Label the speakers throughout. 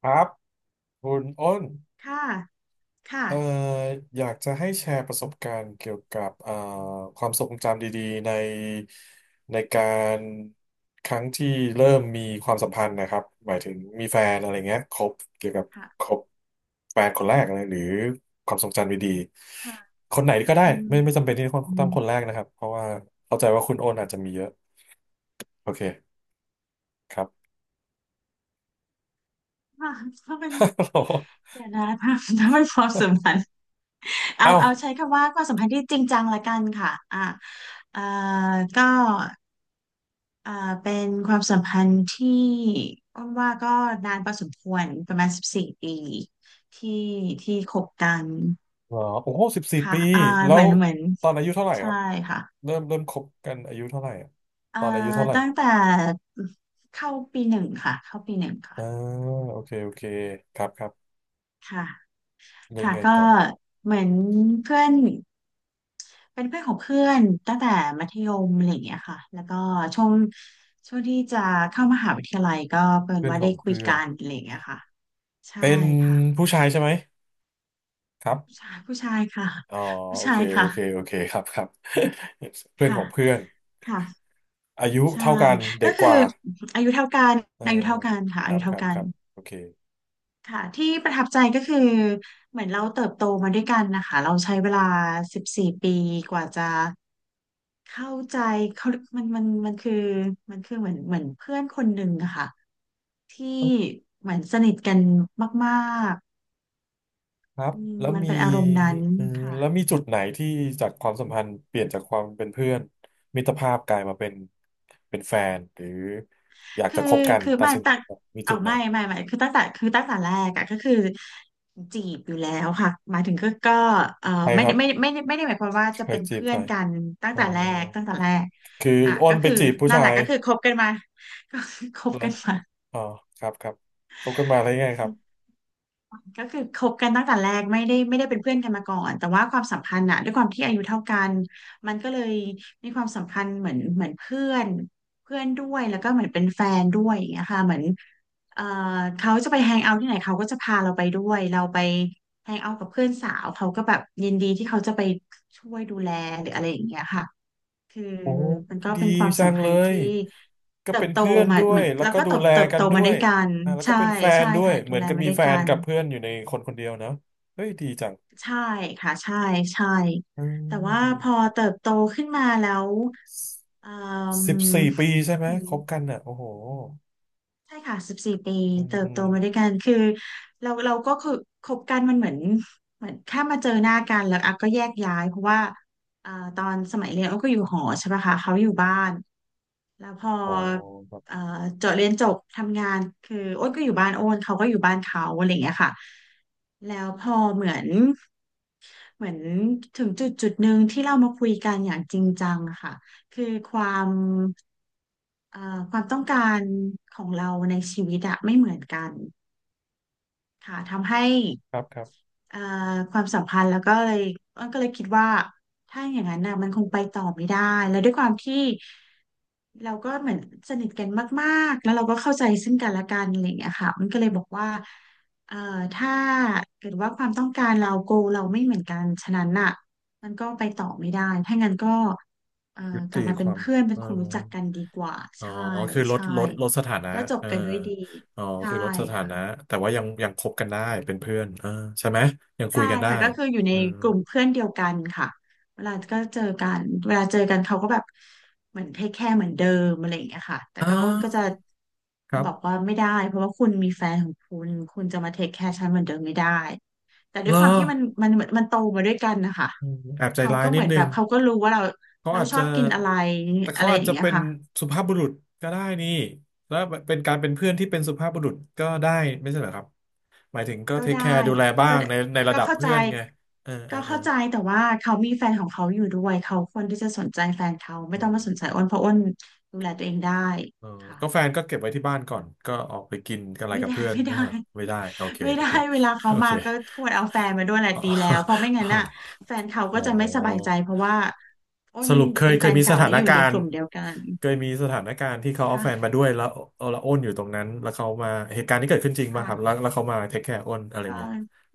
Speaker 1: ครับคุณอ้น
Speaker 2: ค่ะค่ะ
Speaker 1: เอ่ออยากจะให้แชร์ประสบการณ์เกี่ยวกับความทรงจำดีๆในการครั้งที่เริ่มมีความสัมพันธ์นะครับหมายถึงมีแฟนอะไรเงี้ยคบเกี่ยวกับ
Speaker 2: ค่ะ
Speaker 1: คบแฟนคนแรกอะไรหรือความทรงจำดี
Speaker 2: ค่ะ
Speaker 1: ๆคนไหนก็ได้
Speaker 2: อืม
Speaker 1: ไม่จำเป็นที่ต้อง
Speaker 2: อื
Speaker 1: ต้
Speaker 2: ม
Speaker 1: องคนแรกนะครับเพราะว่าเข้าใจว่าคุณโอนอาจจะมีเยอะโอเคครับ
Speaker 2: ค่ะถ้าเป็น เดี๋ยวนะถ้าถ้าเป็นความสัมพันธ์เอา
Speaker 1: เอ้า
Speaker 2: เอาใช้คำว่าความสัมพันธ์ที่จริงจังละกันค่ะเอ่อก็เอ่อเป็นความสัมพันธ์ที่อ้นว่าก็นานพอสมควรประมาณสิบสี่ปีที่ที่คบกัน
Speaker 1: เหรอโอ้โหสิบสี่
Speaker 2: ค่ะ
Speaker 1: ปี
Speaker 2: อ่า
Speaker 1: แล้
Speaker 2: เหมื
Speaker 1: ว
Speaker 2: อนเหมือน
Speaker 1: ตอนอายุเท่าไหร่
Speaker 2: ใช่
Speaker 1: ครับ
Speaker 2: ค่ะ
Speaker 1: เริ่มคบกันอายุเท่าไหร่อะ
Speaker 2: เอ่อ
Speaker 1: ตอนอายุเท่าไหร่
Speaker 2: ตั้งแต่เข้าปีหนึ่งค่ะเข้าปีหนึ่งค่ะ
Speaker 1: อ่าโอเคโอเคครับครับ
Speaker 2: ค่ะ
Speaker 1: แล้วยั
Speaker 2: ค่ะ
Speaker 1: งไง
Speaker 2: ก็
Speaker 1: ต่อ
Speaker 2: เหมือนเพื่อนเป็นเพื่อนของเพื่อนตั้งแต่มัธยมอะไรอย่างเงี้ยค่ะแล้วก็ช่วงช่วงที่จะเข้ามหาวิทยาลัยก็เป็น
Speaker 1: เพื่อน
Speaker 2: ว่า
Speaker 1: ข
Speaker 2: ได้
Speaker 1: อง
Speaker 2: คุย
Speaker 1: เพื่อ
Speaker 2: กั
Speaker 1: น
Speaker 2: นอะไรอย่างเงี้ยค่ะใช่
Speaker 1: เป็น
Speaker 2: ค่ะ
Speaker 1: ผู้ชายใช่ไหมครั
Speaker 2: ผู้
Speaker 1: บ
Speaker 2: ชายผู้ชายค่ะ
Speaker 1: อ๋อ
Speaker 2: ผู้
Speaker 1: โอ
Speaker 2: ชา
Speaker 1: เค
Speaker 2: ย
Speaker 1: โอ
Speaker 2: ค่ะ
Speaker 1: เคโอเคครับครับ เพื่อน
Speaker 2: ค่ะ
Speaker 1: ของเพื่อน
Speaker 2: ค่ะ
Speaker 1: อายุ
Speaker 2: ใช่
Speaker 1: เท่ากัน
Speaker 2: ก็
Speaker 1: เด็ก
Speaker 2: คื
Speaker 1: ก
Speaker 2: อ
Speaker 1: ว่า
Speaker 2: อายุเท่ากัน
Speaker 1: เอ่อ
Speaker 2: อายุเท่ากันค่ะ
Speaker 1: ค
Speaker 2: อา
Speaker 1: รั
Speaker 2: ยุ
Speaker 1: บค
Speaker 2: เท่า
Speaker 1: รับ
Speaker 2: กั
Speaker 1: ค
Speaker 2: น
Speaker 1: รับโอเค
Speaker 2: ค่ะที่ประทับใจก็คือเหมือนเราเติบโตมาด้วยกันนะคะเราใช้เวลาสิบสี่ปีกว่าจะ เข้าใจเขามันคือมันคือเหมือนเพื่อนคนหนึ่งอะค่ะที่เหมือนสนิทกันมาก
Speaker 1: ครั
Speaker 2: ๆ
Speaker 1: บ
Speaker 2: อืม
Speaker 1: แล้ว
Speaker 2: มัน
Speaker 1: มี
Speaker 2: เป็นอารมณ์นั้น
Speaker 1: เออ
Speaker 2: ค่ะ
Speaker 1: แล้วมีจุดไหนที่จากความสัมพันธ์เปลี่ยนจากความเป็นเพื่อนมิตรภาพกลายมาเป็นเป็นแฟนหรืออยาก
Speaker 2: คื
Speaker 1: จะ
Speaker 2: อ
Speaker 1: คบกัน
Speaker 2: คือ
Speaker 1: ตัด
Speaker 2: ไม่
Speaker 1: สิน
Speaker 2: ตั้ง
Speaker 1: มีจุ
Speaker 2: เอา
Speaker 1: ดไหน
Speaker 2: ไม่คือตั้งแต่แรกอะก็คือจีบอยู่แล้วค่ะหมายถึงก็เออ
Speaker 1: ใคร
Speaker 2: ไม่
Speaker 1: ค
Speaker 2: ได้
Speaker 1: รับ
Speaker 2: ไม่ไม่ไม่ไม่ได้หมายความว่าจะ
Speaker 1: ใคร
Speaker 2: เป็น
Speaker 1: จีบ
Speaker 2: เพื่อ
Speaker 1: ใคร
Speaker 2: นกัน
Speaker 1: อ๋อ
Speaker 2: ตั้งแต่แรก
Speaker 1: คือ
Speaker 2: อ่ะ
Speaker 1: อ้
Speaker 2: ก็
Speaker 1: นไป
Speaker 2: คือ
Speaker 1: จีบผู้
Speaker 2: นั่น
Speaker 1: ชา
Speaker 2: แหละ
Speaker 1: ย
Speaker 2: ก็คือคบกันมาก็ คือคบ
Speaker 1: เหรอ
Speaker 2: กันมา
Speaker 1: อ๋อครับครับคบกันมาได้ไงครับ
Speaker 2: ก็คือคบกันตั้งแต่แรกไม่ได้เป็นเพื่อนกันมาก่อนแต่ว่าความสัมพันธ์อะด้วยความที่อายุเท่ากันมันก็เลยมีความสัมพันธ์เหมือนเพื่อนเพื่อนด้วยแล้วก็เหมือนเป็นแฟนด้วยอย่างเงี้ยค่ะเหมือนเอ่อเขาจะไปแฮงเอาท์ที่ไหนเขาก็จะพาเราไปด้วยเราไปแฮงเอาท์กับเพื่อนสาวเขาก็แบบยินดีที่เขาจะไปช่วยดูแลหรืออะไรอย่างเงี้ยค่ะคือ
Speaker 1: โอ้
Speaker 2: มันก็
Speaker 1: ดี
Speaker 2: เป็นความ
Speaker 1: จั
Speaker 2: สัม
Speaker 1: ง
Speaker 2: พั
Speaker 1: เล
Speaker 2: นธ์
Speaker 1: ย
Speaker 2: ที่
Speaker 1: ก็
Speaker 2: เติบ
Speaker 1: เป็น
Speaker 2: โต
Speaker 1: เพื่อน
Speaker 2: มา
Speaker 1: ด้ว
Speaker 2: เหมื
Speaker 1: ย
Speaker 2: อน
Speaker 1: แล้ว
Speaker 2: แล้ว
Speaker 1: ก็
Speaker 2: ก็
Speaker 1: ดู
Speaker 2: เติบ
Speaker 1: แล
Speaker 2: เติบ
Speaker 1: กั
Speaker 2: โต
Speaker 1: นด้
Speaker 2: มา
Speaker 1: ว
Speaker 2: ด้ว
Speaker 1: ย
Speaker 2: ยกัน
Speaker 1: อ่าแล้วก็
Speaker 2: ใช่
Speaker 1: เป็นแฟน
Speaker 2: ใช่
Speaker 1: ด้วย
Speaker 2: ค่ะดู
Speaker 1: เหมือ
Speaker 2: แล
Speaker 1: นกับ
Speaker 2: มา
Speaker 1: มี
Speaker 2: ด้วย
Speaker 1: แฟ
Speaker 2: กั
Speaker 1: น
Speaker 2: น
Speaker 1: กับเพื่อนอยู่ในคนคนเดียวเนอะเฮ้ยดีจัง
Speaker 2: ใช่ค่ะใช่ใช่
Speaker 1: เออ
Speaker 2: แต่ว่า
Speaker 1: ดี
Speaker 2: พอเติบโตขึ้นมาแล้วเอ่ม
Speaker 1: สิบสี่ปีใช่ไหม
Speaker 2: ถึง
Speaker 1: คบกันอ่ะโอ้โห
Speaker 2: ใช่ค่ะสิบสี่ปี
Speaker 1: อืม
Speaker 2: เติบ
Speaker 1: อื
Speaker 2: โต
Speaker 1: ม
Speaker 2: มาด้วยกันคือเราก็คือคบกันมันเหมือนเหมือนแค่มาเจอหน้ากันแล้วอ่ะก็แยกย้ายเพราะว่าตอนสมัยเรียนอ้อก็อยู่หอใช่ปะคะเขาอยู่บ้านแล้วพอ
Speaker 1: อ๋อคบ
Speaker 2: เอ่อ
Speaker 1: บ
Speaker 2: จบเรียนจบทำงานคืออ้นก็อยู่บ้านอ้นเขาก็อยู่บ้านเขาอะไรอย่างเงี้ยค่ะแล้วพอเหมือนถึงจุดหนึ่งที่เรามาคุยกันอย่างจริงจังอะค่ะคือความความต้องการของเราในชีวิตอะไม่เหมือนกันค่ะทำให้
Speaker 1: ครับครับ
Speaker 2: เอ่อความสัมพันธ์แล้วก็เลยก็เลยคิดว่าถ้าอย่างนั้นนะมันคงไปต่อไม่ได้แล้วด้วยความที่ เราก็เหมือนสนิทกันมากๆแล้วเราก็เข้าใจซึ่งกันและกันอะไรอย่างเงี้ยค่ะมันก็เลยบอกว่าเอ่อถ้าเกิดว่าความต้องการเราโกเราไม่เหมือนกัน ฉะนั้นน่ะมันก็ไปต่อไม่ได้ ถ้างั้นก็เอ่อ
Speaker 1: ยุ
Speaker 2: กลั
Speaker 1: ติ
Speaker 2: บมา
Speaker 1: ค
Speaker 2: เป็น
Speaker 1: วาม
Speaker 2: เพื่อนเป็
Speaker 1: เอ
Speaker 2: น
Speaker 1: อ
Speaker 2: คนรู้จักกันดีกว่า
Speaker 1: อ๋อ
Speaker 2: ใช่
Speaker 1: คือลด
Speaker 2: ใช่
Speaker 1: ลดลดสถานะ
Speaker 2: ก็จบ
Speaker 1: เออ
Speaker 2: กันด้วยดี
Speaker 1: อ๋อ
Speaker 2: ใช่
Speaker 1: คือลดสถา
Speaker 2: ค่ะ
Speaker 1: นะแต่ว่ายังคบกันได้เป็นเพื่อนเออใช่ไหมยังคุ
Speaker 2: ใช่
Speaker 1: ยกันได้
Speaker 2: ค่ะก็คืออยู่ใน
Speaker 1: อืม
Speaker 2: กลุ่มเพื่อนเดียวกันค่ะเวลาก็เจอกันเวลาเจอกันเขาก็แบบเหมือนเทคแคร์เหมือนเดิมอะไรอย่างเงี้ยค่ะแต่
Speaker 1: อ่
Speaker 2: ก็อ้นก็จะ
Speaker 1: าครั
Speaker 2: บอก
Speaker 1: บ
Speaker 2: ว่าไม่ได้เพราะว่าคุณมีแฟนของคุณคุณจะมาเทคแคร์ฉันเหมือนเดิมไม่ได้แต่ด้
Speaker 1: เห
Speaker 2: ว
Speaker 1: ร
Speaker 2: ย
Speaker 1: อ
Speaker 2: ความที่มันโตมาด้วยกันนะคะ
Speaker 1: อืมแอบใจ
Speaker 2: เขา
Speaker 1: ร้าย
Speaker 2: ก็
Speaker 1: นิ
Speaker 2: เหมื
Speaker 1: ด
Speaker 2: อน
Speaker 1: นึ
Speaker 2: แบ
Speaker 1: ง
Speaker 2: บเขาก็รู้ว่า
Speaker 1: เขา
Speaker 2: เรา
Speaker 1: อาจ
Speaker 2: ชอ
Speaker 1: จะ
Speaker 2: บกินอะไร
Speaker 1: แต่
Speaker 2: อะ
Speaker 1: เขา
Speaker 2: ไร
Speaker 1: อา
Speaker 2: อ
Speaker 1: จ
Speaker 2: ย่าง
Speaker 1: จะ
Speaker 2: เงี้ย
Speaker 1: เป็น
Speaker 2: ค่ะ
Speaker 1: สุภาพบุรุษก็ได้นี่แล้วเป็นการเป็นเพื่อนที่เป็นสุภาพบุรุษก็ได้ไม่ใช่เหรอครับหมายถึงก็
Speaker 2: ก็
Speaker 1: เทคแค
Speaker 2: ได้
Speaker 1: ร์ดูแลบ้า
Speaker 2: ก็
Speaker 1: ง
Speaker 2: ได้
Speaker 1: ในในระ
Speaker 2: ก็
Speaker 1: ดับ
Speaker 2: เข้าใจ
Speaker 1: เพื่อนไงเออเอ
Speaker 2: ก็
Speaker 1: อเออ
Speaker 2: เข้าใจแต่ว่าเขามีแฟนของเขาอยู่ด้วยเขาควรที่จะสนใจแฟนเขาไม่
Speaker 1: เอ
Speaker 2: ต้อง
Speaker 1: อ
Speaker 2: มาสนใจอ้นเพราะอ้นดูแลตัวเองได้
Speaker 1: เออ
Speaker 2: ค่ะ
Speaker 1: ก็แฟนก็เก็บไว้ที่บ้านก่อน ก็ออกไปกินกันอะไร
Speaker 2: ไม่
Speaker 1: กับ
Speaker 2: ได้
Speaker 1: เพื่อ น
Speaker 2: ไม่
Speaker 1: เอ
Speaker 2: ได้
Speaker 1: อไม่ได้โอเค
Speaker 2: ไม่
Speaker 1: โอ
Speaker 2: ได้
Speaker 1: เค
Speaker 2: เวลาเขา
Speaker 1: โอ
Speaker 2: มา
Speaker 1: เค
Speaker 2: ก็ควรเอาแฟนมาด้วยแหละ
Speaker 1: อ๋อ
Speaker 2: ดีแล้วเพราะไม่งั้นน่ะแฟนเขา
Speaker 1: อ๋
Speaker 2: ก็
Speaker 1: อ
Speaker 2: จะไม่สบายใจเพราะว่าอ้
Speaker 1: ส
Speaker 2: น
Speaker 1: รุปเค
Speaker 2: เป็
Speaker 1: ย
Speaker 2: น
Speaker 1: เค
Speaker 2: แฟ
Speaker 1: ย
Speaker 2: น
Speaker 1: มีส
Speaker 2: เก่า
Speaker 1: ถา
Speaker 2: และ
Speaker 1: น
Speaker 2: อยู่
Speaker 1: กา
Speaker 2: ในก
Speaker 1: รณ์
Speaker 2: ลุ่มเดียวกัน
Speaker 1: เคยมีสถานการณ์ที่เขาเอาแฟน
Speaker 2: ค่ะ
Speaker 1: มาด้วยแล้วเอาละอ้นอยู่ตรงนั้นแล้วเขามาเหตุการณ์ที่เกิดขึ้นจริงป่ะ
Speaker 2: ค่ะ
Speaker 1: ครับแล้วแล้วเขามาเทคแคร์อ้นอะไรเงี้ย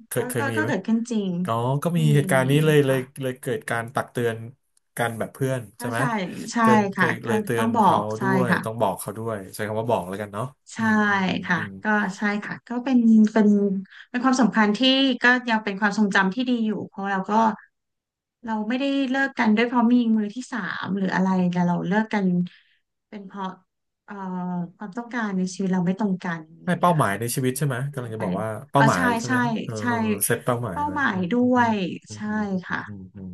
Speaker 1: เค
Speaker 2: ก็
Speaker 1: ยเคย
Speaker 2: ก็
Speaker 1: มี
Speaker 2: ก็ก็
Speaker 1: ไหม
Speaker 2: เกิดขึ้นจริง
Speaker 1: ก็ก็มี
Speaker 2: มี
Speaker 1: เหตุกา
Speaker 2: มี
Speaker 1: รณ์นี้เลยเลย
Speaker 2: ค่ะ
Speaker 1: เลยเกิดการตักเตือนกันแบบเพื่อนใช่
Speaker 2: ก็
Speaker 1: ไหม
Speaker 2: ใช่ใช่
Speaker 1: เกินเค
Speaker 2: ค่ะ
Speaker 1: ยเล
Speaker 2: ก็
Speaker 1: ยเตือ
Speaker 2: ต้อ
Speaker 1: น
Speaker 2: งบอ
Speaker 1: เขา
Speaker 2: ก
Speaker 1: ด้
Speaker 2: ใช่
Speaker 1: วย
Speaker 2: ค่ะ
Speaker 1: ต้องบอกเขาด้วยใช้คำว่าบอกแล้วกันเนาะอื
Speaker 2: ใช่
Speaker 1: มอืมอืม
Speaker 2: ค่ะ
Speaker 1: อืม
Speaker 2: ก็ใช่ค่ะก็เป็นเป็นความสำคัญที่ก็ยังเป็นความทรงจำที่ดีอยู่เพราะเราไม่ได้เลิกกันด้วยเพราะมีมือที่สามหรืออะไรแต่เราเลิกกันเป็นเพราะเอ่อความต้องการในชีวิตเราไม่ตรงกันอ
Speaker 1: ให้
Speaker 2: ย่างเงี้
Speaker 1: เป้า
Speaker 2: ย
Speaker 1: หมาย
Speaker 2: ค่ะ
Speaker 1: ในชีวิตใช่ไหม
Speaker 2: ก็
Speaker 1: กำ
Speaker 2: เล
Speaker 1: ลัง
Speaker 2: ย
Speaker 1: จะ
Speaker 2: ไป
Speaker 1: บอกว่าเป้า
Speaker 2: อ๋อ
Speaker 1: หมาย
Speaker 2: ใช่
Speaker 1: ใช่ไหม
Speaker 2: ใช่
Speaker 1: เออ
Speaker 2: ใช่
Speaker 1: เออเออเซตเป้าหมาย
Speaker 2: เป้า
Speaker 1: ไว้
Speaker 2: หมา
Speaker 1: อื
Speaker 2: ย
Speaker 1: ม
Speaker 2: ด้
Speaker 1: อืม
Speaker 2: ว
Speaker 1: อื
Speaker 2: ย
Speaker 1: ม
Speaker 2: ใช่
Speaker 1: อืมอืม
Speaker 2: ค่ะ
Speaker 1: อืมอืมอืม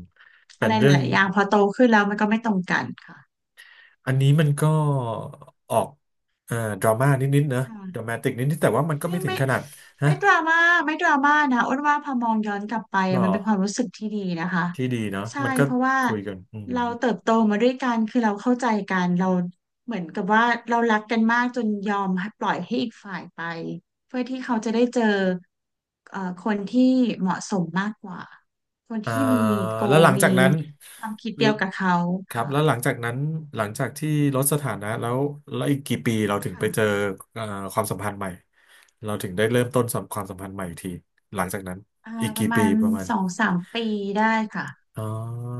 Speaker 1: เป็
Speaker 2: อะ
Speaker 1: น
Speaker 2: ไร
Speaker 1: เรื่อ
Speaker 2: ห
Speaker 1: ง
Speaker 2: ลายๆอย่างพอโตขึ้นแล้วมันก็ไม่ตรงกัน
Speaker 1: อันนี้มันก็ออกอ่อดราม่านิดๆนะดรา
Speaker 2: ค่ะ
Speaker 1: มาติกนิดๆแต่ว่ามันก็
Speaker 2: ไม่
Speaker 1: ไม่ถึง
Speaker 2: ไม่
Speaker 1: ขนาดฮะ
Speaker 2: ไม่ดราม่าไม่ดราม่านะอ้วนว่าพอมองย้อนกลับไป
Speaker 1: หรอ
Speaker 2: มันเป็นความรู้สึกที่ดีนะคะ
Speaker 1: ที่ดีเนาะ
Speaker 2: ใช่
Speaker 1: มันก็
Speaker 2: เพราะว่า
Speaker 1: คุยกันอืม
Speaker 2: เราเติบโตมาด้วยกันคือเราเข้าใจกันเราเหมือนกับว่าเรารักกันมากจนยอมให้ปล่อยให้อีกฝ่ายไปเพื่อที่เขาจะได้เจอคนที่เหมาะสมมากกว่าคน
Speaker 1: อ่า
Speaker 2: ที่มีโก
Speaker 1: แล้วหลัง
Speaker 2: มี
Speaker 1: จากนั้น
Speaker 2: ความคิด
Speaker 1: ล
Speaker 2: เดียวกับเขา
Speaker 1: ครับแล้วห
Speaker 2: ค่ะ
Speaker 1: ลังจากนั้นหลังจากที่ลดสถานะแล้วแล้วอีกกี่ปีเราถึงไปเจอ
Speaker 2: ค่ะ
Speaker 1: อ่อความสัมพันธ์ใหม่เราถึงได้เริ่มต้นความสัมพันธ์ใหม่อีกทีหลังจากนั้น
Speaker 2: อ่า
Speaker 1: อีก
Speaker 2: ประ
Speaker 1: กี่
Speaker 2: มา
Speaker 1: ปี
Speaker 2: ณ
Speaker 1: ประมาณ
Speaker 2: 2-3 ปีได้ค่ะ
Speaker 1: อ๋อ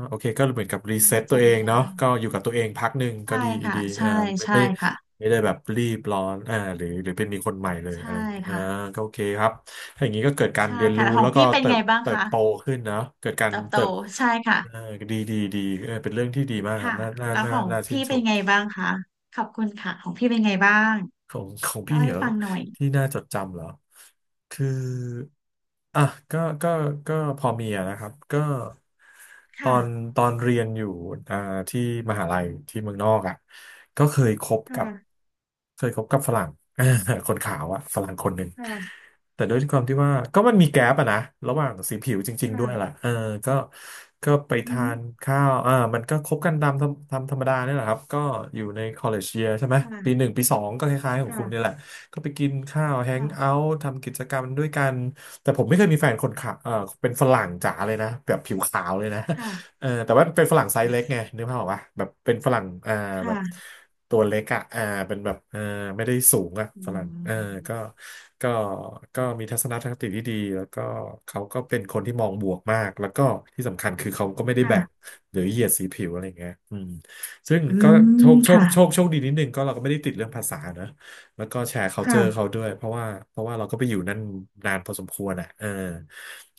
Speaker 1: โอเคก็เหมือนกับรีเซ็
Speaker 2: ก็
Speaker 1: ตตัวเอ
Speaker 2: จำไม่
Speaker 1: งเนาะ
Speaker 2: ได้
Speaker 1: ก็อยู่กับตัวเองพักหนึ่งก็
Speaker 2: ใช่
Speaker 1: ดี
Speaker 2: ค่ะ
Speaker 1: ดี
Speaker 2: ใช่
Speaker 1: ไม่
Speaker 2: ใช่
Speaker 1: ไม่
Speaker 2: ค่ะ
Speaker 1: ไม่ได้แบบรีบร้อนอ่าหรือหรือเป็นมีคนใหม่เลย
Speaker 2: ใช่
Speaker 1: อะไรอย่างนี้อ่า
Speaker 2: ค่ะ
Speaker 1: ก็โอเคครับถ้าอย่างนี้ก็เกิดการ
Speaker 2: ใช่
Speaker 1: เรียน
Speaker 2: ค่ะ
Speaker 1: รู้
Speaker 2: แล้วขอ
Speaker 1: แล้
Speaker 2: ง
Speaker 1: วก็
Speaker 2: พี่เป็น
Speaker 1: เติ
Speaker 2: ไง
Speaker 1: บ
Speaker 2: บ้าง
Speaker 1: เติบ
Speaker 2: คะ
Speaker 1: โตขึ้นเนาะเกิดการ
Speaker 2: เติบโต
Speaker 1: เติบ
Speaker 2: ใช่ค่ะ
Speaker 1: เออดีดีดีเออเป็นเรื่องที่ดีมากครั
Speaker 2: ค่ะ
Speaker 1: บน่าน่า
Speaker 2: แล้ว
Speaker 1: น่า
Speaker 2: ของ
Speaker 1: น่าชื่
Speaker 2: พี่
Speaker 1: นช
Speaker 2: เป็น
Speaker 1: ม
Speaker 2: ไงบ้างคะขอบคุณค่ะของพี่เป็นไงบ้าง
Speaker 1: ของ ของ
Speaker 2: เล่า
Speaker 1: พี่
Speaker 2: ให้
Speaker 1: เหรอ
Speaker 2: ฟังหน่อย
Speaker 1: ที่น่าจดจำเหรอคืออ่ะก็ก็ก็พอมีอะนะครับก็ตอ
Speaker 2: ค่ะ
Speaker 1: นตอนเรียนอยู่อ่าที่มหาลัยที่เมืองนอกอ่ะก็เคยคบกับ
Speaker 2: ค่ะ
Speaker 1: เคยคบกับฝรั่ง คนขาวอ่ะฝรั่งคนหนึ่ง
Speaker 2: ค่ะ
Speaker 1: แต่ด้วยความที่ว่าก็มันมีแกลบอะนะระหว่างสีผิวจริงๆด้วยแหละ
Speaker 2: ค่ะ
Speaker 1: เออก็ก็ไป
Speaker 2: อือหื
Speaker 1: ทานข้าวอ่ามันก็คบกันตามตามธรรมดาเนี่ยแหละครับก็อยู่ใน college year ใช่ไหมปีห
Speaker 2: ค่ะ
Speaker 1: นึ่งปีสองก็คล้ายๆของคุณเนี่ยแห
Speaker 2: ค่ะ
Speaker 1: ละก็ไปกินข้าวแฮงเอา
Speaker 2: ค่ะ
Speaker 1: ท์ทำกิจกรรมด้วยกันแต่ผมไม่เคยมีแฟนคนขาวเออเป็นฝรั่งจ๋าเลยนะแบบผิวขาวเลยนะ
Speaker 2: ค่ะ
Speaker 1: แต่ว่าเป็นฝรั่งไซส์เล็กไงนึกภาพออกปะแบบเป็นฝรั่งแบบ
Speaker 2: ค่ะ
Speaker 1: ตัวเล็กอ่ะอ่าเป็นแบบไม่ได้สูงอ่ะ
Speaker 2: อื
Speaker 1: ฝรั่ง
Speaker 2: ม
Speaker 1: ก็ก็ก็มีทัศนคติที่ดีแล้วก็เขาก็เป็นคนที่มองบวกมากแล้วก็ที่สำคัญคือเขาก็ไม่ได้แบ่ง
Speaker 2: ค่ะ
Speaker 1: หรือเหยียดสีผิวอะไรอย่างเงี้ยซึ่ง
Speaker 2: อื
Speaker 1: ก็โชค
Speaker 2: ม
Speaker 1: โชค
Speaker 2: ค่ะ
Speaker 1: โชคโชคดีนิดนึงก็เราก็ไม่ได้ติดเรื่องภาษานะ แล้วก็แชร์ culture เขา
Speaker 2: ค่ะ
Speaker 1: ด้วยเพราะว่าเราก็ไปอยู่นั่นนานพอสมควรอ่ะ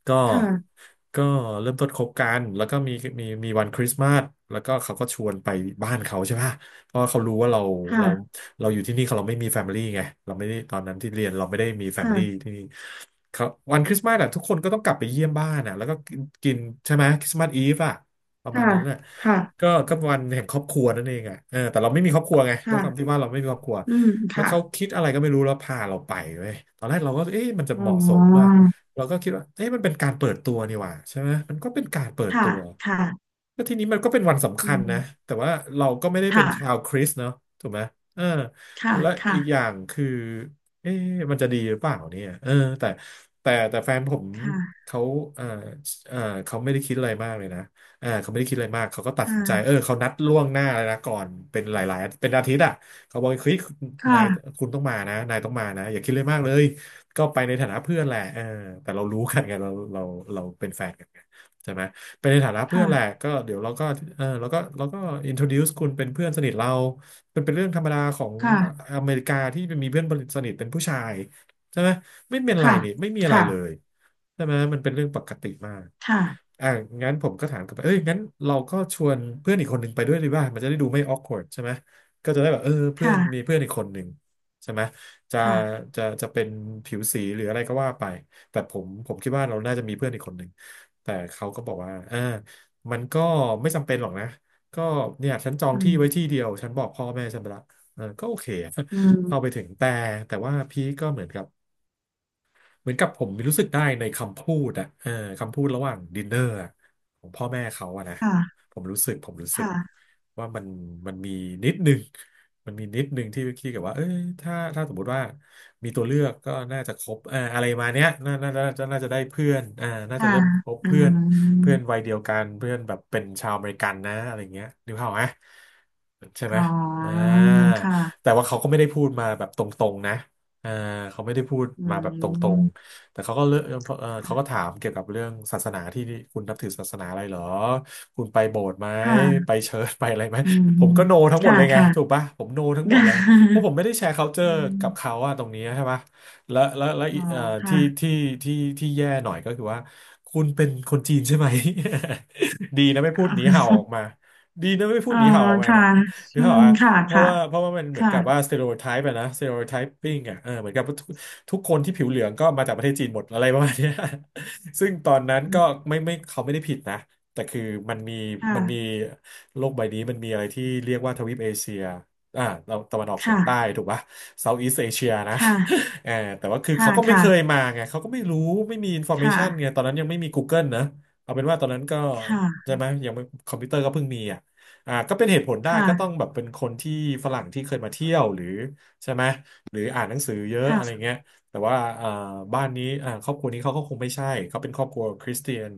Speaker 1: ก็
Speaker 2: ค่ะ
Speaker 1: ก็เริ่มต้นคบกันแล้วก็มีวันคริสต์มาสแล้วก็เขาก็ชวนไปบ้านเขาใช่ปะเพราะว่าเขารู้ว่าเรา
Speaker 2: ค่ะ
Speaker 1: เราอยู่ที่นี่เขาเราไม่มีแฟมิลี่ไงเราไม่ได้ตอนนั้นที่เรียนเราไม่ได้มีแฟมิลี่
Speaker 2: ค่ะ
Speaker 1: ที่นี่ เขาวันคริสต์มาสอะทุกคนก็ต้องกลับไปเยี่ยมบ้านอะแล้วก็กินใช่ไหมคริสต์มาสอีฟอะประมาณ
Speaker 2: ค่ะ
Speaker 1: นั้นน่ะ
Speaker 2: ค่ะ
Speaker 1: ก็วันแห่งครอบครัวนั่นเองอะแต่เราไม่มีครอบครัวไงด้วยความ
Speaker 2: ค่ะ
Speaker 1: ที่ว่าเราไม่มีครอบครัว
Speaker 2: อืม
Speaker 1: แล้ว
Speaker 2: ค่ะ
Speaker 1: เขาคิดอะไรก็ไม่รู้แล้วพาเราไปเว้ยตอนแรกเราก็เอ๊ะมันจะ
Speaker 2: อ๋
Speaker 1: เหมาะสมว่า
Speaker 2: อ
Speaker 1: เราก็คิดว่าเอ๊ะมันเป็นการเปิดตัวนี่หว่าใช่ไหมมันก็เป็นการเปิด
Speaker 2: ค่ะ
Speaker 1: ตัว
Speaker 2: ค่ะ
Speaker 1: ก็ทีนี้มันก็เป็นวันสำ
Speaker 2: อื
Speaker 1: คัญนะ
Speaker 2: ม
Speaker 1: แต่ว่าเราก็ไม่ได้เป็นชา
Speaker 2: ค่ะ
Speaker 1: วคริสต์เนาะถูกไหมเออ
Speaker 2: ค่ะ
Speaker 1: และ
Speaker 2: ค่ะ
Speaker 1: อีกอย่างคือเอ๊ะมันจะดีหรือเปล่าเนี่ยแต่แฟนผม
Speaker 2: ค่ะ
Speaker 1: เขาเออเออเขาไม่ได้คิดอะไรมากเลยนะเขาไม่ได้คิดอะไรมากเขาก็ตัดสินใจเขานัดล่วงหน้าเลยนะก่อนเป็นหลายๆเป็นอาทิตย์อ่ะเขาบอกเฮ้ยนาย
Speaker 2: ค่ะ
Speaker 1: คุณต้องมานะนายต้องมานะอย่าคิดเลยมากเลยก็ไปในฐานะเพื่อนแหละแต่เรารู้กันไงเราเป็นแฟนกันไงใช่ไหม เป็นในฐานะเพื่อ
Speaker 2: ค่ะ
Speaker 1: นแหละก็เดี๋ยวเราก็เราก็ introduce คุณเป็นเพื่อนสนิทเรามันเป็นเรื่องธรรมดาของ
Speaker 2: ค่ะ
Speaker 1: อเมริกาที่มีเพื่อนสนิทเป็นผู้ชายใช่ไหมไม่เป็นไร
Speaker 2: ค่ะ
Speaker 1: นี่ไม่มีอะไร
Speaker 2: ค่ะ
Speaker 1: เลยใช่ไหมมันเป็นเรื่องปกติมาก
Speaker 2: ค่ะ
Speaker 1: อ่ะงั้นผมก็ถามกลับไปเอ้ยงั้นเราก็ชวนเพื่อนอีกคนหนึ่งไปด้วยดีว่ามันจะได้ดูไม่ awkward ใช่ไหมก็จะได้แบบเพื่อนมี
Speaker 2: ค่ะ
Speaker 1: เพื่อนอีกคนหนึ่งใช่ไหมจะ
Speaker 2: ค่ะค่ะ
Speaker 1: จะเป็นผิวสีหรืออะไรก็ว่าไป แต่ผมคิดว่าเราน่าจะมีเพื่อนอีกคนหนึ่ง แต่เขาก็บอกว่ามันก็ไม่จำเป็นหรอกนะ ก็เนี่ยฉันจอง
Speaker 2: อื
Speaker 1: ที่
Speaker 2: ม
Speaker 1: ไว้ที่เดียว ฉันบอกพ่อแม่ฉันไปละก็โอเคอะ
Speaker 2: อืม
Speaker 1: เข้าไปถึงแต่ แต่ว่าพี่ก็เหมือนกับ เหมือนกับผมรู้สึกได้ในคำพูดอะคำพูดระหว่างดินเนอร์อะของพ่อแม่เขาอะนะ
Speaker 2: ค่ะ
Speaker 1: ผมรู้สึก
Speaker 2: ค่ะ
Speaker 1: ว่ามันมันมีนิดนึงมันมีนิดนึงที่คิดกับว่าถ้าสมมติว่ามีตัวเลือกก็น่าจะคบเอ่าอะไรมาเนี้ยน่าจะได้เพื่อนน่าจะ
Speaker 2: ค่ะ
Speaker 1: เริ่มคบ
Speaker 2: อื
Speaker 1: เพื่อนเพื่อน
Speaker 2: ม
Speaker 1: วัยเดียวกันเพื่อนแบบเป็นชาวอเมริกันนะอะไรเงี้ยนึกภาพไหมใช่ไห
Speaker 2: อ๋
Speaker 1: มอ่
Speaker 2: อ
Speaker 1: า
Speaker 2: ค่ะ
Speaker 1: แต่ว่าเขาก็ไม่ได้พูดมาแบบตรงๆนะเออเขาไม่ได้พูด
Speaker 2: อื
Speaker 1: มาแบบตรง
Speaker 2: ม
Speaker 1: ๆ แต่เขาก็เลือกเขาก็
Speaker 2: ค่ะ
Speaker 1: ถามเกี่ยวกับเรื่องศาสนาที่คุณนับถือศาสนาอะไรเหรอคุณไปโบสถ์ไหมไป
Speaker 2: ค่ะ
Speaker 1: เชิญไปอะไรไหม
Speaker 2: อืม
Speaker 1: ผมก็โนทั้งหมด
Speaker 2: ค่ะ
Speaker 1: เลยไง
Speaker 2: ค่ะ
Speaker 1: ถูกปะผมโนทั้งหมดเลยเพราะผมไม่ได้แชร์
Speaker 2: อื
Speaker 1: culture กับเขา
Speaker 2: ม
Speaker 1: อะตรงนี้ใช่ปะแล้ว
Speaker 2: อ๋อค่ะ
Speaker 1: ที่ที่ที่ที่แย่หน่อยก็คือว่าคุณเป็นคนจีนใช่ไหม ดีนะไม่พูดหนีเห่าออกมาดีนะไม่พู
Speaker 2: อ๋
Speaker 1: ด
Speaker 2: อ
Speaker 1: หนีเห่าออกมา
Speaker 2: ค่ะ
Speaker 1: เนี่ยหรื
Speaker 2: อื
Speaker 1: อเป
Speaker 2: ม
Speaker 1: ล่าอะ
Speaker 2: ค่ะ
Speaker 1: เพราะ
Speaker 2: ค่ะ
Speaker 1: ว่าเพราะว่ามันเหมือน
Speaker 2: ค่ะ
Speaker 1: กับว่า s t e r e o t y e อะนะ stereotyping อะเหมือนกับ ทุกคนที่ผิวเหลืองก็มาจากประเทศจีนหมดอะไรประมาณเนี้ย ซึ่งตอนนั้นก็ไม่ไม่เขาไม่ได้ผิดนะแต่คือมันมี
Speaker 2: ค่ะ
Speaker 1: มันมีโลกใบนี้มันมีอะไรที่เรียกว่าทวีปเอเชียเราตะวันออกเฉียงใต้
Speaker 2: ค่ะ
Speaker 1: ถูกปะ South East Asia นะ
Speaker 2: ค่ะ
Speaker 1: เออแต่ว่าคือ
Speaker 2: ค่ะ
Speaker 1: เขาก็ไม่
Speaker 2: ค่ะ
Speaker 1: เคยมาไงเขาก็ไม่รู้ไม่มี
Speaker 2: ค
Speaker 1: information ไง
Speaker 2: ่ะ
Speaker 1: ตอนนั้นยังไม่มี Google นะเอาเป็นว่าตอนนั้นก็
Speaker 2: ค
Speaker 1: ใช่
Speaker 2: ่ะ
Speaker 1: ไหมยังไม่คอมพิวเตอร์ก็เพิ่งมีอ่ะก็เป็นเหตุผลได้ก็ต้อง
Speaker 2: ค่ะ
Speaker 1: แบบเป็นคนที่ฝรั่งที่เคยมาเที่ยวหรือใช่ไหมหรืออ่านหนังสือเยอะอะไร
Speaker 2: ค่ะ
Speaker 1: เงี้ย แต่ว่าบ้านนี้ครอบครัวนี้เขาก็คงไม่ใช่เขาเป็นครอบครัวคริสเตียน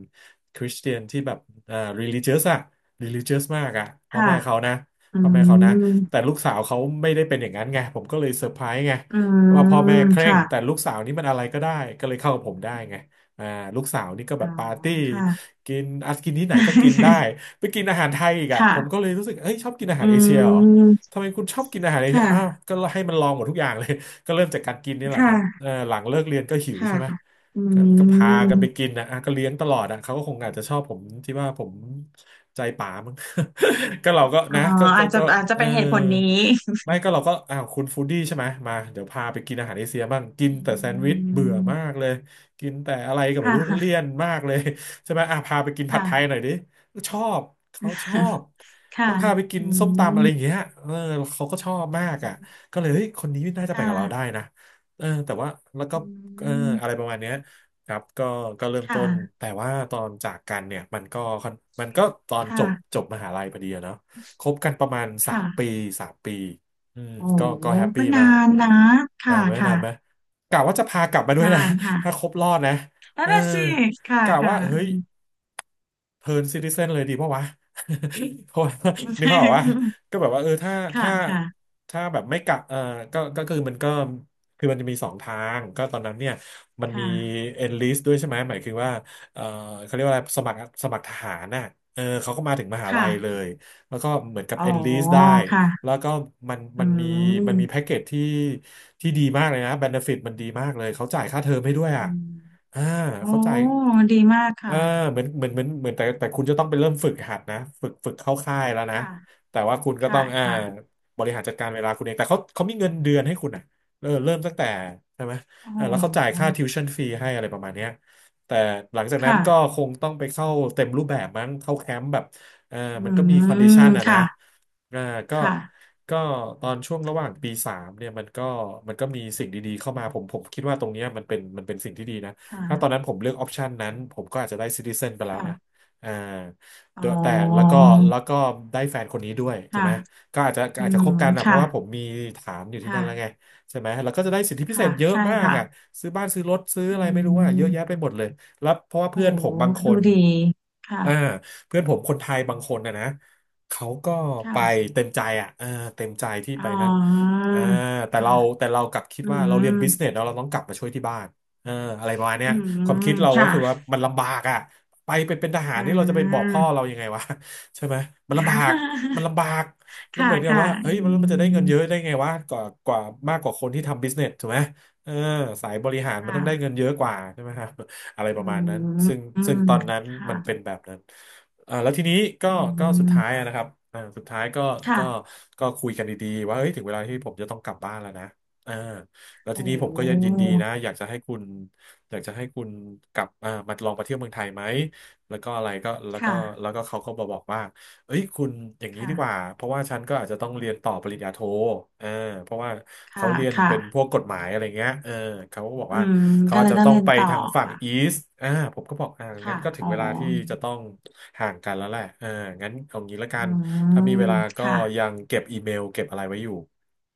Speaker 1: คริสเตียนที่แบบreligious อะ religious มากอะพ่อ
Speaker 2: ค่ะ
Speaker 1: แม่เขานะ
Speaker 2: อื
Speaker 1: พ่อแม่เขานะแต่
Speaker 2: ม
Speaker 1: ลูกสาวเขาไม่ได้เป็นอย่างนั้นไงผมก็เลยเซอร์ไพรส์ไง
Speaker 2: อื
Speaker 1: ว่าพ่อแม่
Speaker 2: ม
Speaker 1: เคร่ง
Speaker 2: ค่ะ
Speaker 1: แต่ลูกสาวนี่มันอะไรก็ได้ก็เลยเข้ากับผมได้ไงอ่าลูกสาวนี่ก็แบ
Speaker 2: อ๋อ
Speaker 1: บปาร์ตี้
Speaker 2: ค่ะ
Speaker 1: กินอัดกินที่ไหนก็กินได้ ไปกินอาหารไทยอีกอะ
Speaker 2: ค่ะ
Speaker 1: ผมก็เลยรู้สึกเอ้ยชอบกินอา
Speaker 2: อื
Speaker 1: หารเอเชียเหรอ
Speaker 2: ม
Speaker 1: ทำไมคุณชอบกินอาหารเอเชีย
Speaker 2: ค่ะ
Speaker 1: อ้าวก็ให้มันลองหมดทุกอย่างเลย ก็เริ่มจากการกินนี่แหละครับเอ
Speaker 2: ค่ะ
Speaker 1: อหลังเลิกเรียนก็หิว
Speaker 2: ค่ะ
Speaker 1: ใช่ไหม
Speaker 2: อื
Speaker 1: ก็พากัน
Speaker 2: ม
Speaker 1: ไปกินนะอ่ะก็เลี้ยงตลอดอ่ะเขาก็คงอาจจะชอบผมที่ว่าผมใจป๋ามั้ง ก็เราก็
Speaker 2: อ๋อ
Speaker 1: นะก็ก็
Speaker 2: อาจจะ
Speaker 1: ก็
Speaker 2: อาจจะ
Speaker 1: เออ
Speaker 2: เป็นเหตุผลนี้
Speaker 1: ไม่ก็เราก็อ้าวคุณฟู้ดดี้ใช่ไหมมาเดี๋ยวพาไปกินอาหารเอเชียบ้างกิน
Speaker 2: อื
Speaker 1: แต่แซนด์วิชเบื่อมา
Speaker 2: ม
Speaker 1: กเลยกินแต่อะไรก็ไม่
Speaker 2: ค่
Speaker 1: รู้เลี่ย
Speaker 2: ะ
Speaker 1: นมากเลยใช่ไหมอ่ะพาไปกินผั
Speaker 2: ค่ะ
Speaker 1: ดไทยหน่อยดิชอบเขาชอบ
Speaker 2: ค่ะ
Speaker 1: แล้วพาไปกิ
Speaker 2: อื
Speaker 1: นส้มตำอะไรอย่าง
Speaker 2: ม
Speaker 1: เงี้ยเออเขาก็ชอบมากอ่ะก็เลยเฮ้ยคนนี้น่าจะ
Speaker 2: ค
Speaker 1: ไปกับเราได้
Speaker 2: ่ะ
Speaker 1: นะเออแต่ว่าแล้วก็
Speaker 2: อื
Speaker 1: เอออะไร
Speaker 2: ม
Speaker 1: ประมาณเนี้ย ครับก็ก็เริ่มต้น
Speaker 2: ค่ะ
Speaker 1: แต่ว่าตอนจากกันเนี่ยมันก็ค่อนมันก็ตอนจบ
Speaker 2: ค่ะ
Speaker 1: จบมหาลัยพอดีอะเนาะคบกันประมาณสามปี
Speaker 2: ค่ะ
Speaker 1: สามปีอืม
Speaker 2: โอ้
Speaker 1: ก็
Speaker 2: โห
Speaker 1: ก็แฮป
Speaker 2: ก็
Speaker 1: ปี้มา
Speaker 2: นา
Speaker 1: ก
Speaker 2: นนะ
Speaker 1: นา
Speaker 2: ค่ะ
Speaker 1: นไหมนา
Speaker 2: ค่ะ
Speaker 1: นไหมกะว่าจะพากลับมาด้วย
Speaker 2: นา
Speaker 1: นะ
Speaker 2: นค่ะ
Speaker 1: ถ้าครบรอดนะ
Speaker 2: นั่
Speaker 1: เอ
Speaker 2: น
Speaker 1: อ
Speaker 2: น่ะสิค่ะ
Speaker 1: กะ
Speaker 2: ค่ะ
Speaker 1: ว่าเฮ้ย เทิร์นซิติเซนเลยดีเพราะวะ เพราะว่านึกภาพออกว่า ก็แบบว่าเออถ้า
Speaker 2: ค่ะ
Speaker 1: ถ้า
Speaker 2: ค่ะ
Speaker 1: ถ้าแบบไม่กะเออก็คือมันก็คือมันจะมีสองทางก็ตอนนั้นเนี่ยมัน
Speaker 2: ค
Speaker 1: มี
Speaker 2: ่ะ
Speaker 1: enlist ด้วยใช่ไหมหมายคือว่าเออเขาเรียกว่าอะไรสมัครสมัครทหารน่ะเออเขาก็มาถึงมหาลัยเล
Speaker 2: ค่ะ
Speaker 1: ยแล้วก็เหมือนกับ
Speaker 2: อ๋อ
Speaker 1: enlist ได้
Speaker 2: ค่ะ
Speaker 1: แล้วก็มัน
Speaker 2: อื
Speaker 1: มันมีมันมีแพ็ก
Speaker 2: ม
Speaker 1: เกจที่ที่ดีมากเลยนะ benefit มันดีมากเลยเขาจ่ายค่าเทอมให้ด้วย
Speaker 2: อื
Speaker 1: อ่ะ
Speaker 2: ม
Speaker 1: อ่า
Speaker 2: โอ้
Speaker 1: เขาจ่าย
Speaker 2: ดีมาก
Speaker 1: อ่า
Speaker 2: ค่ะ
Speaker 1: เหมือนเหมือนเหมือนเหมือนแต่คุณจะต้องไปเริ่มฝึกหัดนะฝึกเข้าค่ายแล้วนะ
Speaker 2: ค่ะ
Speaker 1: แต่ว่าคุณก็
Speaker 2: ค่ะ
Speaker 1: ต้อง
Speaker 2: ค่ะ
Speaker 1: บริหารจัดการเวลาคุณเองแต่เขามีเงินเดือนให้คุณอ่ะเออเริ่มตั้งแต่ใช่ไหม
Speaker 2: โอ
Speaker 1: เออแล้วเขาจ่าย
Speaker 2: ้
Speaker 1: ค่า tuition-free ให้อะไรประมาณเนี้ยแต่หลังจากนั้น
Speaker 2: ค่ะ
Speaker 1: ก็คงต้องไปเข้าเต็มรูปแบบมั้งเข้าแคมป์แบบเออ
Speaker 2: อื
Speaker 1: มันก็มีคอนดิชั
Speaker 2: ม
Speaker 1: นอ่ะนะ
Speaker 2: ค่ะ
Speaker 1: อ่าก็
Speaker 2: ค่ะ
Speaker 1: ก็ตอนช่วงระหว่างปีสามเนี่ยมันก็มันก็มีสิ่งดีๆเข้ามาผมคิดว่าตรงเนี้ยมันเป็นสิ่งที่ดีนะ
Speaker 2: ค่ะ
Speaker 1: ถ้าตอนนั้นผมเลือกออปชันนั้นผมก็อาจจะได้ซิติเซนไปแล้วนะ
Speaker 2: ค่ะ
Speaker 1: อ่า
Speaker 2: อ๋
Speaker 1: เด
Speaker 2: อ
Speaker 1: อะแต่แล้วก็แล้วก็ได้แฟนคนนี้ด้วยถูก
Speaker 2: ค่ะ
Speaker 1: ไหมก็อาจจะ
Speaker 2: อื
Speaker 1: อาจจะคบ
Speaker 2: ม
Speaker 1: กันนะเพ
Speaker 2: ค่ะ
Speaker 1: ราะว่าผมมีฐานอยู่ที่นั่นแล้วไง
Speaker 2: ค่ะ
Speaker 1: ใช่ไหมแล้วก็จะได้สิทธิพิเศ
Speaker 2: ค่ะ
Speaker 1: ษเยอะ
Speaker 2: ใช่
Speaker 1: มาก
Speaker 2: ค่ะ
Speaker 1: อ่ะซื้อบ้านซื้อรถซื้ออะ
Speaker 2: อื
Speaker 1: ไรไม่รู้อ่ะเยอะแยะไป
Speaker 2: ม
Speaker 1: หมดเลยแล้วเพราะว่า
Speaker 2: โอ้
Speaker 1: เพื่อนผมบางค
Speaker 2: ดู
Speaker 1: น
Speaker 2: ดีค่ะ
Speaker 1: อ่าเพื่อนผมคนไทยบางคนนะเขาก็
Speaker 2: ค่ะ
Speaker 1: ไปเต็มใจอ่ะเออเต็มใจที่
Speaker 2: อ๋
Speaker 1: ไป
Speaker 2: อ
Speaker 1: นั่นอ่าแต่
Speaker 2: ค่ะ
Speaker 1: เราแต่เรากลับคิด
Speaker 2: อื
Speaker 1: ว่าเรา
Speaker 2: ม
Speaker 1: เรียนบิสเนสแล้วเราต้องกลับมาช่วยที่บ้าน เอออะไรประมาณเนี้
Speaker 2: อื
Speaker 1: ยความคิ
Speaker 2: ม
Speaker 1: ดเราก็
Speaker 2: ค่ะ
Speaker 1: คือว่ามันลำบากอ่ะไปเป็นเป็นทหาร
Speaker 2: อ่
Speaker 1: นี่เราจะไปบอก
Speaker 2: า
Speaker 1: พ่อเรายังไงวะ ใช่ไหมมันลำบาก มันลำบากแล้ว
Speaker 2: ค่ะ
Speaker 1: เหมือนกับ
Speaker 2: ค่ะ
Speaker 1: ว่าเฮ้
Speaker 2: อื
Speaker 1: ยมันจะได้เงินเยอะ
Speaker 2: ม
Speaker 1: ได้ไงวะกว่ามากกว่าคนที่ทำบิสเนสถูกไหมเออสายบริหารมัน
Speaker 2: ค่ะ
Speaker 1: ต้องได้เงินเยอะกว่าใช่ไหม ครับ อะไรป
Speaker 2: อื
Speaker 1: ระมาณนั้น
Speaker 2: ม
Speaker 1: ซึ่ง
Speaker 2: อื
Speaker 1: ซึ่ง
Speaker 2: ม
Speaker 1: ตอนนั้น
Speaker 2: ค่ะ
Speaker 1: มันเป็นแบบนั้นเอ่าแล้วทีนี้ก็
Speaker 2: อื
Speaker 1: ก็สุดท้าย
Speaker 2: ม
Speaker 1: อะนะครับอ่าสุดท้ายก็
Speaker 2: ค่ะ
Speaker 1: ก็ก็คุยกันดีๆว่าเฮ้ยถึงเวลาที่ผมจะต้องกลับบ้านแล้วนะเออ แล้ว
Speaker 2: โอ
Speaker 1: ทีนี้ผมก็ย
Speaker 2: ้
Speaker 1: ินดีนะอยากจะให้คุณอยากจะให้คุณกลับอ่ามาลองมาเที่ยวเมืองไทยไหมแล้วก็อะไรก็แล้วก็
Speaker 2: ค่ะ
Speaker 1: แล้วก็เขาก็มาบอกว่าเอ้ยคุณอย่างนี้
Speaker 2: ค่ะ
Speaker 1: ดีกว่าเพราะว่าฉันก็อาจจะต้องเรียนต่อปริญญาโทเออเพราะว่าเขา
Speaker 2: ค่ะ
Speaker 1: เรียน
Speaker 2: ค่ะ
Speaker 1: เป็นพวกกฎหมายอะไรเงี้ยเออเขาก็บอก
Speaker 2: อื
Speaker 1: ว่า
Speaker 2: ม
Speaker 1: เขา
Speaker 2: ก็
Speaker 1: อา
Speaker 2: เล
Speaker 1: จ
Speaker 2: ย
Speaker 1: จะ
Speaker 2: ต้อง
Speaker 1: ต้อง
Speaker 2: เรียน
Speaker 1: ไป
Speaker 2: ต่อ
Speaker 1: ทางฝั่ง
Speaker 2: ค่ะ
Speaker 1: อีสต์อ่าผมก็บอกอ่างั้
Speaker 2: ค่ะ
Speaker 1: นก็ถึ
Speaker 2: อ๋
Speaker 1: ง
Speaker 2: อ
Speaker 1: เวลาที่จะต้องห่างกันแล้วแหละเอองั้นเอางี้ละกั
Speaker 2: อื
Speaker 1: นถ้ามีเว
Speaker 2: ม
Speaker 1: ลาก็
Speaker 2: ค่ะ
Speaker 1: ยังเก็บอีเมลเก็บอะไรไว้อยู่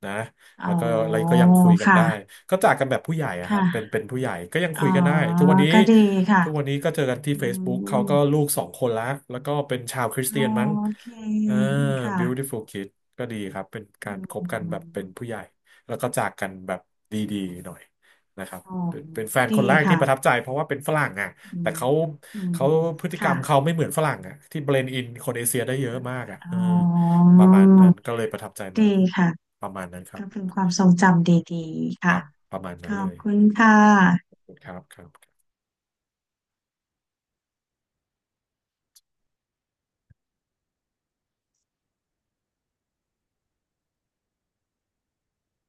Speaker 1: นะ
Speaker 2: อ๋อ
Speaker 1: แล้วก็อะไรก็ยังคุยกันได้
Speaker 2: ค่ะ
Speaker 1: ก็จากกันแบบผู้ใหญ่อะ
Speaker 2: ค
Speaker 1: ครับเป็น
Speaker 2: ่ะ
Speaker 1: เป็นผู้ใหญ่ก็ยัง
Speaker 2: อ๋อ
Speaker 1: คุยกันได้ทุกวันนี้
Speaker 2: ก็ดีค่ะ
Speaker 1: ทุกวันนี้ก็เจอกันที่
Speaker 2: อื
Speaker 1: Facebook เขา
Speaker 2: ม
Speaker 1: ก็ลูกสองคนละแล้วก็เป็นชาวคริส
Speaker 2: โอ
Speaker 1: เตียนมั้ง
Speaker 2: เค
Speaker 1: อ่า
Speaker 2: ค่ะ
Speaker 1: beautiful kid ก็ดีครับเป็น
Speaker 2: อื
Speaker 1: การคบกันแบ
Speaker 2: ม
Speaker 1: บเป็นผู้ใหญ่แล้วก็จากกันแบบดีๆหน่อยนะครับ
Speaker 2: อ๋อ
Speaker 1: เป็นเป็นแฟน
Speaker 2: ดี
Speaker 1: คนแรกที่ประทับ
Speaker 2: ค่ะ
Speaker 1: ใจเพราะว่าเป็นฝรั่งอ่ะ
Speaker 2: อื
Speaker 1: แต่
Speaker 2: ม
Speaker 1: เขา
Speaker 2: อืม
Speaker 1: เขาพฤติกร
Speaker 2: ค่ะ
Speaker 1: รมเขาไม่เหมือนฝรั่งอ่ะที่เบลนด์อินคนเอเชียได้เยอะมากอ่ะ
Speaker 2: อ๋
Speaker 1: เออ
Speaker 2: อ
Speaker 1: ประมาณนั้นก็เลยประทับใจ
Speaker 2: ดี
Speaker 1: มาก
Speaker 2: ค่ะ
Speaker 1: ประมาณนั้นครั
Speaker 2: ก็
Speaker 1: บ
Speaker 2: เป็นความทรงจำดีๆ
Speaker 1: ค
Speaker 2: ค่ะ
Speaker 1: รับประมาณ
Speaker 2: ข
Speaker 1: นั้น
Speaker 2: อ
Speaker 1: เล
Speaker 2: บ
Speaker 1: ย
Speaker 2: คุณค่ะ
Speaker 1: ครับครับ